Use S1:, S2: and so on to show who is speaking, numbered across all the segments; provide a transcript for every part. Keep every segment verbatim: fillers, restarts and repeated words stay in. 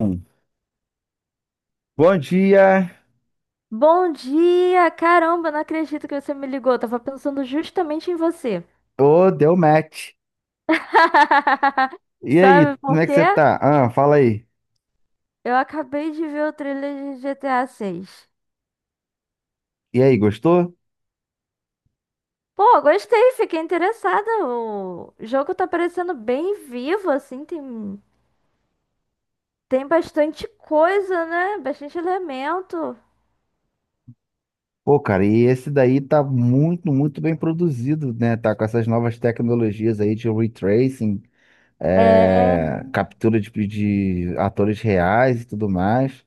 S1: Um. Bom dia!
S2: Bom dia! Caramba, não acredito que você me ligou. Eu tava pensando justamente em você.
S1: Ô, deu match. E aí,
S2: Sabe
S1: como
S2: por
S1: é que
S2: quê?
S1: você tá? Ah, fala aí.
S2: Eu acabei de ver o trailer de G T A seis.
S1: E aí, gostou?
S2: Pô, gostei, fiquei interessada. O jogo tá parecendo bem vivo, assim, tem, tem bastante coisa, né? Bastante elemento.
S1: Pô, cara, e esse daí tá muito, muito bem produzido, né? Tá com essas novas tecnologias aí de retracing,
S2: É.
S1: é, captura de, de atores reais e tudo mais.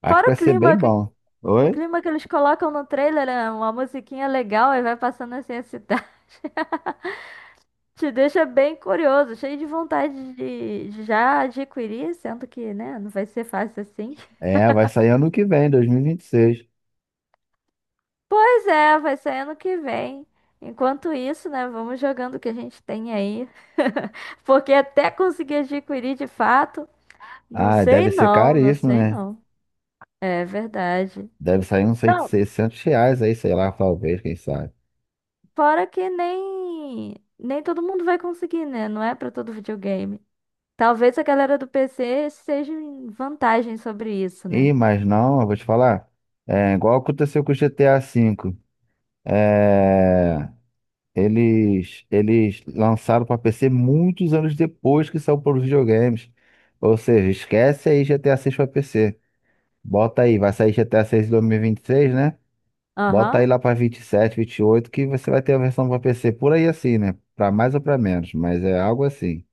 S1: Acho que
S2: Fora o
S1: vai ser bem
S2: clima, que-
S1: bom.
S2: o
S1: Oi?
S2: clima que eles colocam no trailer, né? Uma musiquinha legal e vai passando assim a cidade. Te deixa bem curioso, cheio de vontade de, de já adquirir, sendo que, né, não vai ser fácil assim.
S1: É, vai sair ano que vem, dois mil e vinte e seis.
S2: Pois é, vai sair ano que vem. Enquanto isso, né, vamos jogando o que a gente tem aí. Porque até conseguir adquirir de fato, não
S1: Ah, deve
S2: sei
S1: ser
S2: não, não
S1: caríssimo,
S2: sei
S1: né?
S2: não. É verdade.
S1: Deve sair uns
S2: Não,
S1: seiscentos reais aí, sei lá, talvez, quem sabe.
S2: fora que nem nem todo mundo vai conseguir, né? Não é pra todo videogame. Talvez a galera do P C seja em vantagem sobre isso, né?
S1: Ih, mas não, eu vou te falar. É igual aconteceu com o G T A V. É, eles, eles lançaram para P C muitos anos depois que saiu para os videogames. Ou seja, esquece aí G T A VI para PC. Bota aí, vai sair GTA seis em dois mil e e vinte e seis, né? Bota aí
S2: Aham.
S1: lá para vinte vinte e sete, vinte e oito, que você vai ter a versão para P C por aí assim, né? Para mais ou para menos, mas é algo assim.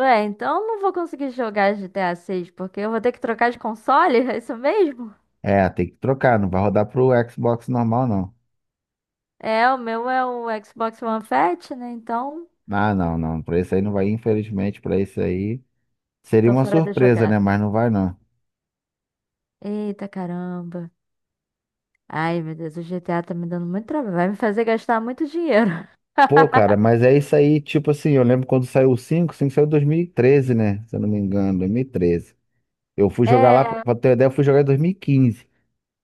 S2: Ué, então eu não vou conseguir jogar G T A seis, porque eu vou ter que trocar de console, é isso mesmo?
S1: É, tem que trocar, não vai rodar pro Xbox normal, não.
S2: É, o meu é o Xbox One Fat, né? Então,
S1: Ah, não, não. Para isso aí não vai, infelizmente, para isso aí. Seria
S2: tô
S1: uma
S2: fora da
S1: surpresa, né?
S2: jogada.
S1: Mas não vai, não.
S2: Eita caramba. Ai, meu Deus, o G T A tá me dando muito trabalho. Vai me fazer gastar muito dinheiro.
S1: Pô, cara, mas é isso aí, tipo assim, eu lembro quando saiu o cinco, o cinco saiu em dois mil e treze, né? Se eu não me engano, dois mil e treze. Eu fui jogar lá,
S2: É,
S1: pra ter uma ideia, eu fui jogar em dois mil e quinze.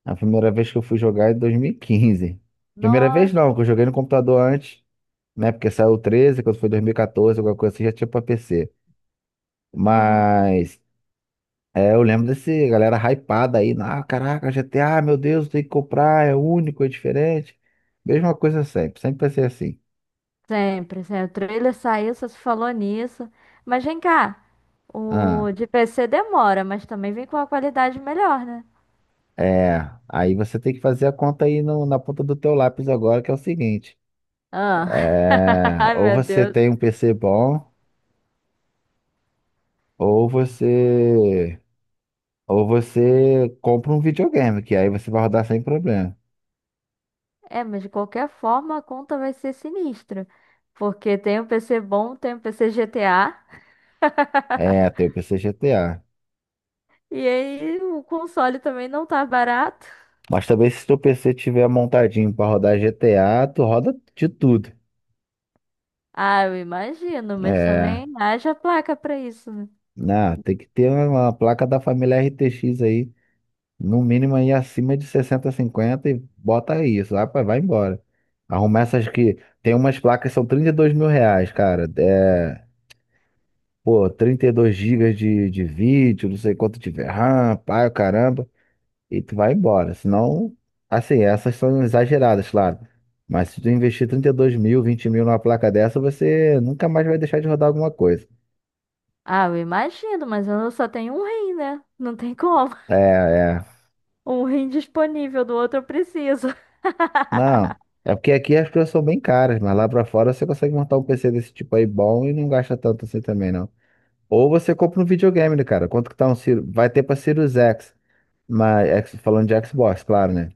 S1: A primeira vez que eu fui jogar é em dois mil e quinze. Primeira vez
S2: nossa.
S1: não, que eu joguei no computador antes, né? Porque saiu o treze quando foi dois mil e quatorze, alguma coisa assim, já tinha pra P C.
S2: Uhum,
S1: Mas, é, eu lembro desse galera hypada aí, ah, caraca, G T A, meu Deus, tem que comprar, é único, é diferente. Mesma coisa sempre, sempre vai ser assim.
S2: sempre, sempre. O trailer saiu, só se falou nisso. Mas vem cá, o
S1: Ah,
S2: de P C demora, mas também vem com uma qualidade melhor, né?
S1: é. Aí você tem que fazer a conta aí no- na ponta do teu lápis agora, que é o seguinte.
S2: Ah.
S1: É,
S2: Ai,
S1: ou
S2: meu
S1: você
S2: Deus.
S1: tem um P C bom, ou você ou você compra um videogame, que aí você vai rodar sem problema.
S2: É, mas de qualquer forma a conta vai ser sinistra. Porque tem o P C bom, tem o P C G T A.
S1: É, tem o P C G T A.
S2: E aí o console também não tá barato.
S1: Mas também se teu PC tiver montadinho pra rodar G T A, tu roda de tudo.
S2: Ah, eu imagino, mas
S1: É,
S2: também haja placa pra isso, né?
S1: né? Tem que ter uma uma placa da família R T X aí. No mínimo aí acima de sessenta, cinquenta e bota isso. Ah, pá, vai embora. Arrumar essas que. Tem umas placas que são trinta e dois mil reais, cara. É, pô, trinta e dois gigas de, de vídeo, não sei quanto tiver RAM, pai, o caramba. E tu vai embora. Senão, assim, essas são exageradas, claro. Mas se tu investir trinta e dois mil, vinte mil numa placa dessa, você nunca mais vai deixar de rodar alguma coisa.
S2: Ah, eu imagino, mas eu só tenho um rim, né? Não tem como.
S1: É, é.
S2: Um rim disponível, do outro eu preciso.
S1: Não, é porque aqui as coisas são bem caras, mas lá pra fora você consegue montar um P C desse tipo aí bom e não gasta tanto assim também, não. Ou você compra um videogame, né, cara? Quanto que tá um Sirius? Vai ter pra Sirius X, mas X- falando de Xbox, claro, né?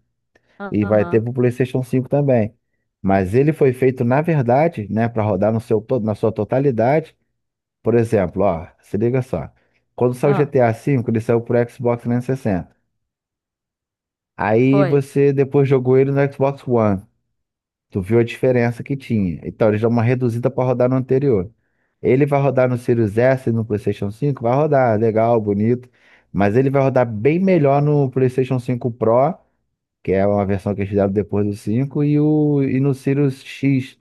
S1: E vai ter
S2: Aham.
S1: pro PlayStation cinco também. Mas ele foi feito, na verdade, né, pra rodar no seu, to- na sua totalidade. Por exemplo, ó, se liga só. Quando saiu o
S2: Ah,
S1: G T A V, ele saiu pro Xbox trezentos e sessenta. Aí
S2: foi.
S1: você depois jogou ele no Xbox One. Tu viu a diferença que tinha. Então, eles dão uma reduzida para rodar no anterior. Ele vai rodar no Series S e no PlayStation cinco? Vai rodar, legal, bonito. Mas ele vai rodar bem melhor no PlayStation cinco Pro, que é uma versão que eles fizeram depois do cinco e, o, e no Sirius X,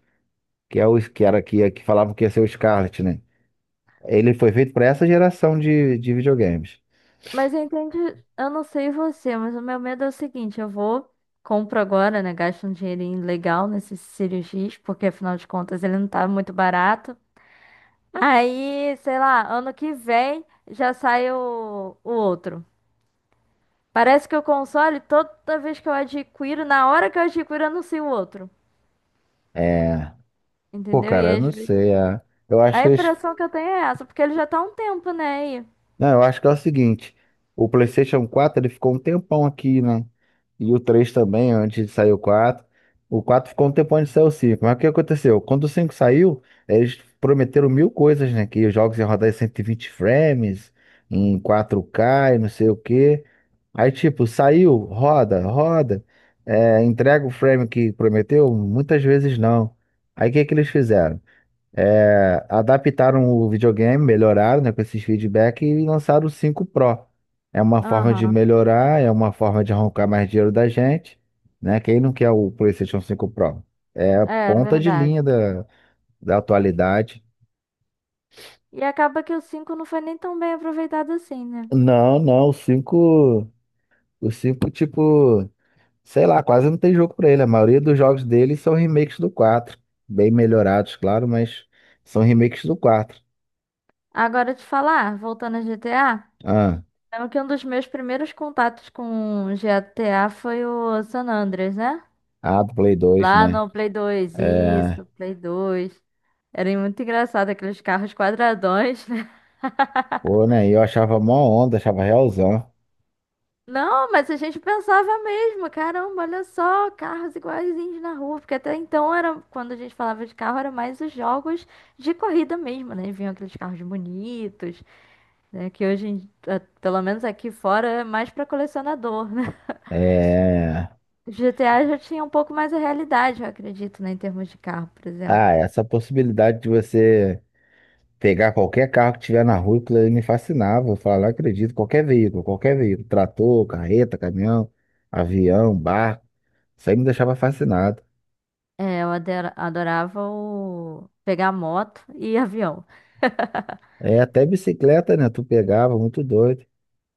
S1: que é o que era que, que falavam que ia ser o Scarlett, né? Ele foi feito para essa geração de, de videogames.
S2: Mas entende, eu não sei você, mas o meu medo é o seguinte, eu vou, compro agora, né, gasto um dinheirinho legal nesses cirurgias, porque afinal de contas ele não tá muito barato. Aí, sei lá, ano que vem já sai o, o outro. Parece que o console, toda vez que eu adquiro, na hora que eu adquiro, eu anuncio o outro.
S1: É. Pô,
S2: Entendeu? E
S1: cara, eu
S2: às
S1: não
S2: vezes.
S1: sei. É. Eu acho
S2: A
S1: que eles.
S2: impressão que eu tenho é essa, porque ele já tá há um tempo, né, aí.
S1: Não, eu acho que é o seguinte, o PlayStation quatro ele ficou um tempão aqui, né? E o três também, antes de sair o quatro. O quatro ficou um tempão antes de sair o cinco. Mas o que aconteceu? Quando o cinco saiu, eles prometeram mil coisas, né? Que os jogos iam rodar em cento e vinte frames, em quatro ka e não sei o quê. Aí, tipo, saiu, roda, roda, é, entrega o frame que prometeu? Muitas vezes não. Aí, o que é que eles fizeram? É, adaptaram o videogame, melhoraram, né, com esses feedbacks e lançaram o cinco Pro. É uma forma de
S2: Aham,
S1: melhorar, é uma forma de arrancar mais dinheiro da gente, né? Quem não quer o PlayStation cinco Pro? É a
S2: é
S1: ponta de
S2: verdade.
S1: linha da, da atualidade.
S2: E acaba que o cinco não foi nem tão bem aproveitado assim, né?
S1: Não, não, o cinco, o cinco tipo, sei lá, quase não tem jogo pra ele. A maioria dos jogos dele são remakes do quatro, bem melhorados, claro, mas são remakes do quatro.
S2: Agora te falar, voltando a G T A,
S1: Ah,
S2: lembro que um dos meus primeiros contatos com G T A foi o San Andreas, né?
S1: ah, do Play dois,
S2: Lá
S1: né?
S2: no Play dois
S1: É.
S2: isso, Play dois. Era muito engraçado aqueles carros quadradões, né?
S1: Pô, né? E eu achava mó onda, achava realzão.
S2: Não, mas a gente pensava mesmo, caramba, olha só, carros iguaizinhos na rua, porque até então era, quando a gente falava de carro, era mais os jogos de corrida mesmo, né? Vinham aqueles carros bonitos, né? Que hoje, em- eh, pelo menos aqui fora, é mais para colecionador.
S1: É...
S2: G T A já tinha um pouco mais a realidade, eu acredito, né, em termos de carro, por
S1: Ah,
S2: exemplo.
S1: essa possibilidade de você pegar qualquer carro que tiver na rua, aquilo ali me fascinava. Eu falava, não acredito, qualquer veículo, qualquer veículo, trator, carreta, caminhão, avião, barco, isso aí me deixava fascinado.
S2: É, eu adera- adorava o pegar moto e avião.
S1: É, até bicicleta, né? Tu pegava, muito doido.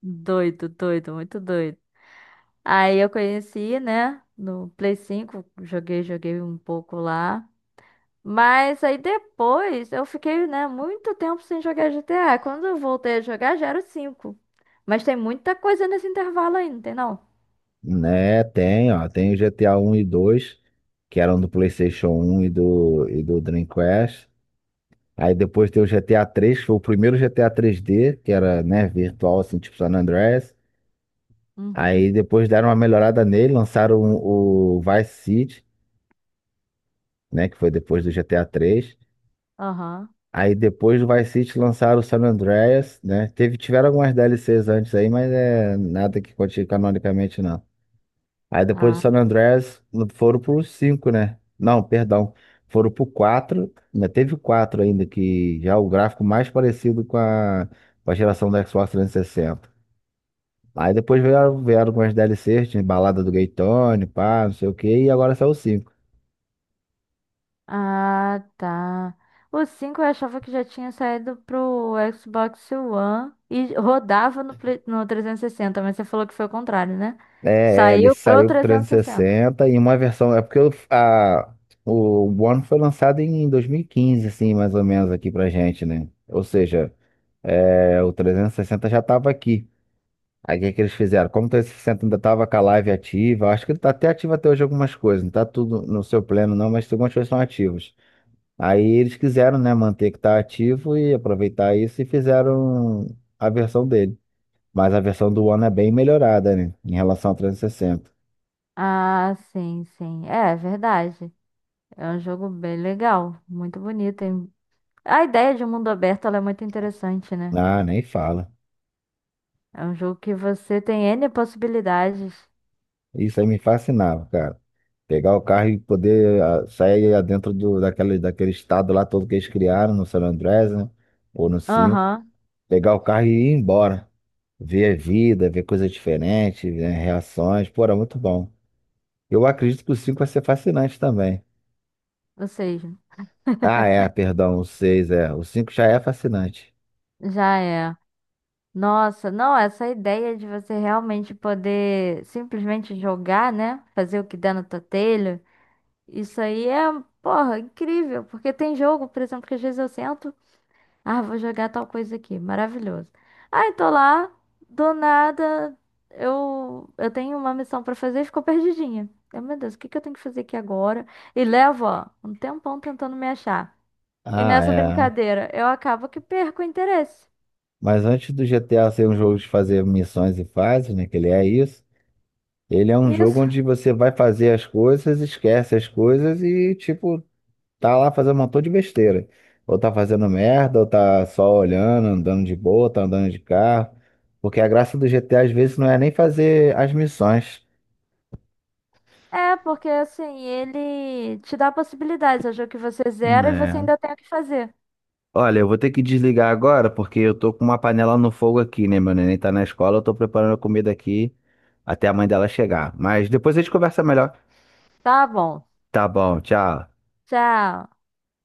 S2: Doido, doido, muito doido. Aí eu conheci, né, no Play cinco, joguei, joguei um pouco lá. Mas aí depois eu fiquei, né, muito tempo sem jogar G T A. Quando eu voltei a jogar já era o cinco. Mas tem muita coisa nesse intervalo aí, não tem não?
S1: Né, tem, ó, tem o G T A um e dois que eram do PlayStation um e do, e do Dreamcast. Aí depois tem o G T A três, que foi o primeiro G T A três dê, que era, né, virtual, assim, tipo San Andreas.
S2: Uhum.
S1: Aí depois deram uma melhorada nele, lançaram o Vice City, né, que foi depois do G T A três.
S2: Aham.
S1: Aí depois do Vice City lançaram o San Andreas, né? Teve, tiveram algumas D L Cs antes aí, mas é nada que conte canonicamente, não. Aí depois do
S2: Ah.
S1: San Andreas no- foram pro cinco, né? Não, perdão. Foram pro quatro. Ainda teve o quatro ainda, que já é o gráfico mais parecido com a, com a geração do Xbox trezentos e sessenta. Aí depois vieram, vieram com as D L Cs, tinha balada do Gaytone, pá, não sei o quê, e agora saiu o cinco.
S2: Ah, tá. O cinco eu achava que já tinha saído pro Xbox One e rodava no, Play- no trezentos e sessenta. Mas você falou que foi o contrário, né?
S1: É, é, ele
S2: Saiu pro
S1: saiu pro
S2: trezentos e
S1: trezentos e sessenta e
S2: sessenta.
S1: sessenta e uma versão. É porque o- a, o One foi lançado em dois mil e quinze, assim, mais ou menos, aqui pra gente, né? Ou seja, é, o trezentos e sessenta já tava aqui. Aí o que é que eles fizeram? Como o trezentos e sessenta ainda estava com a live ativa, acho que ele está até ativo até hoje algumas coisas, não está tudo no seu pleno não, mas algumas coisas são ativas. Aí eles quiseram, né, manter que está ativo e aproveitar isso e fizeram a versão dele. Mas a versão do One é bem melhorada, né, em relação ao trezentos e sessenta.
S2: Ah, sim, sim. É, é verdade. É um jogo bem legal, muito bonito. Hein? A ideia de um mundo aberto, ela é muito interessante, né?
S1: Ah, nem fala.
S2: É um jogo que você tem N possibilidades.
S1: Isso aí me fascinava, cara. Pegar o carro e poder ah, sair dentro do, daquele, daquele estado lá todo que eles criaram no San Andreas, né, ou no cinco.
S2: Aham,
S1: Pegar o carro e ir embora. Ver a vida, ver coisas diferentes, ver reações. Pô, era muito bom. Eu acredito que o cinco vai ser fascinante também.
S2: ou seja,
S1: Ah, é, perdão, o seis, é. O cinco já é fascinante.
S2: já é. Nossa, não, essa ideia de você realmente poder simplesmente jogar, né? Fazer o que dá no totelho, isso aí é, porra, incrível. Porque tem jogo, por exemplo, que às vezes eu sento, ah, vou jogar tal coisa aqui, maravilhoso. Aí tô lá, do nada, eu, eu tenho uma missão pra fazer e ficou perdidinha. Eu, meu Deus, o que que eu tenho que fazer aqui agora? E levo, ó, um tempão tentando me achar. E
S1: Ah,
S2: nessa
S1: é.
S2: brincadeira, eu acabo que perco o interesse.
S1: Mas antes do G T A ser um jogo de fazer missões e fases, né? Que ele é isso. Ele é um jogo
S2: Isso.
S1: onde você vai fazer as coisas, esquece as coisas e, tipo, tá lá fazendo um montão de besteira. Ou tá fazendo merda, ou tá só olhando, andando de boa, tá andando de carro. Porque a graça do G T A às vezes não é nem fazer as missões,
S2: É, porque assim, ele te dá possibilidades. É o jogo que você zera e você
S1: né?
S2: ainda tem o que fazer.
S1: Olha, eu vou ter que desligar agora porque eu tô com uma panela no fogo aqui, né? Meu neném tá na escola, eu tô preparando a comida aqui até a mãe dela chegar. Mas depois a gente conversa melhor.
S2: Tá bom.
S1: Tá bom, tchau.
S2: Tchau.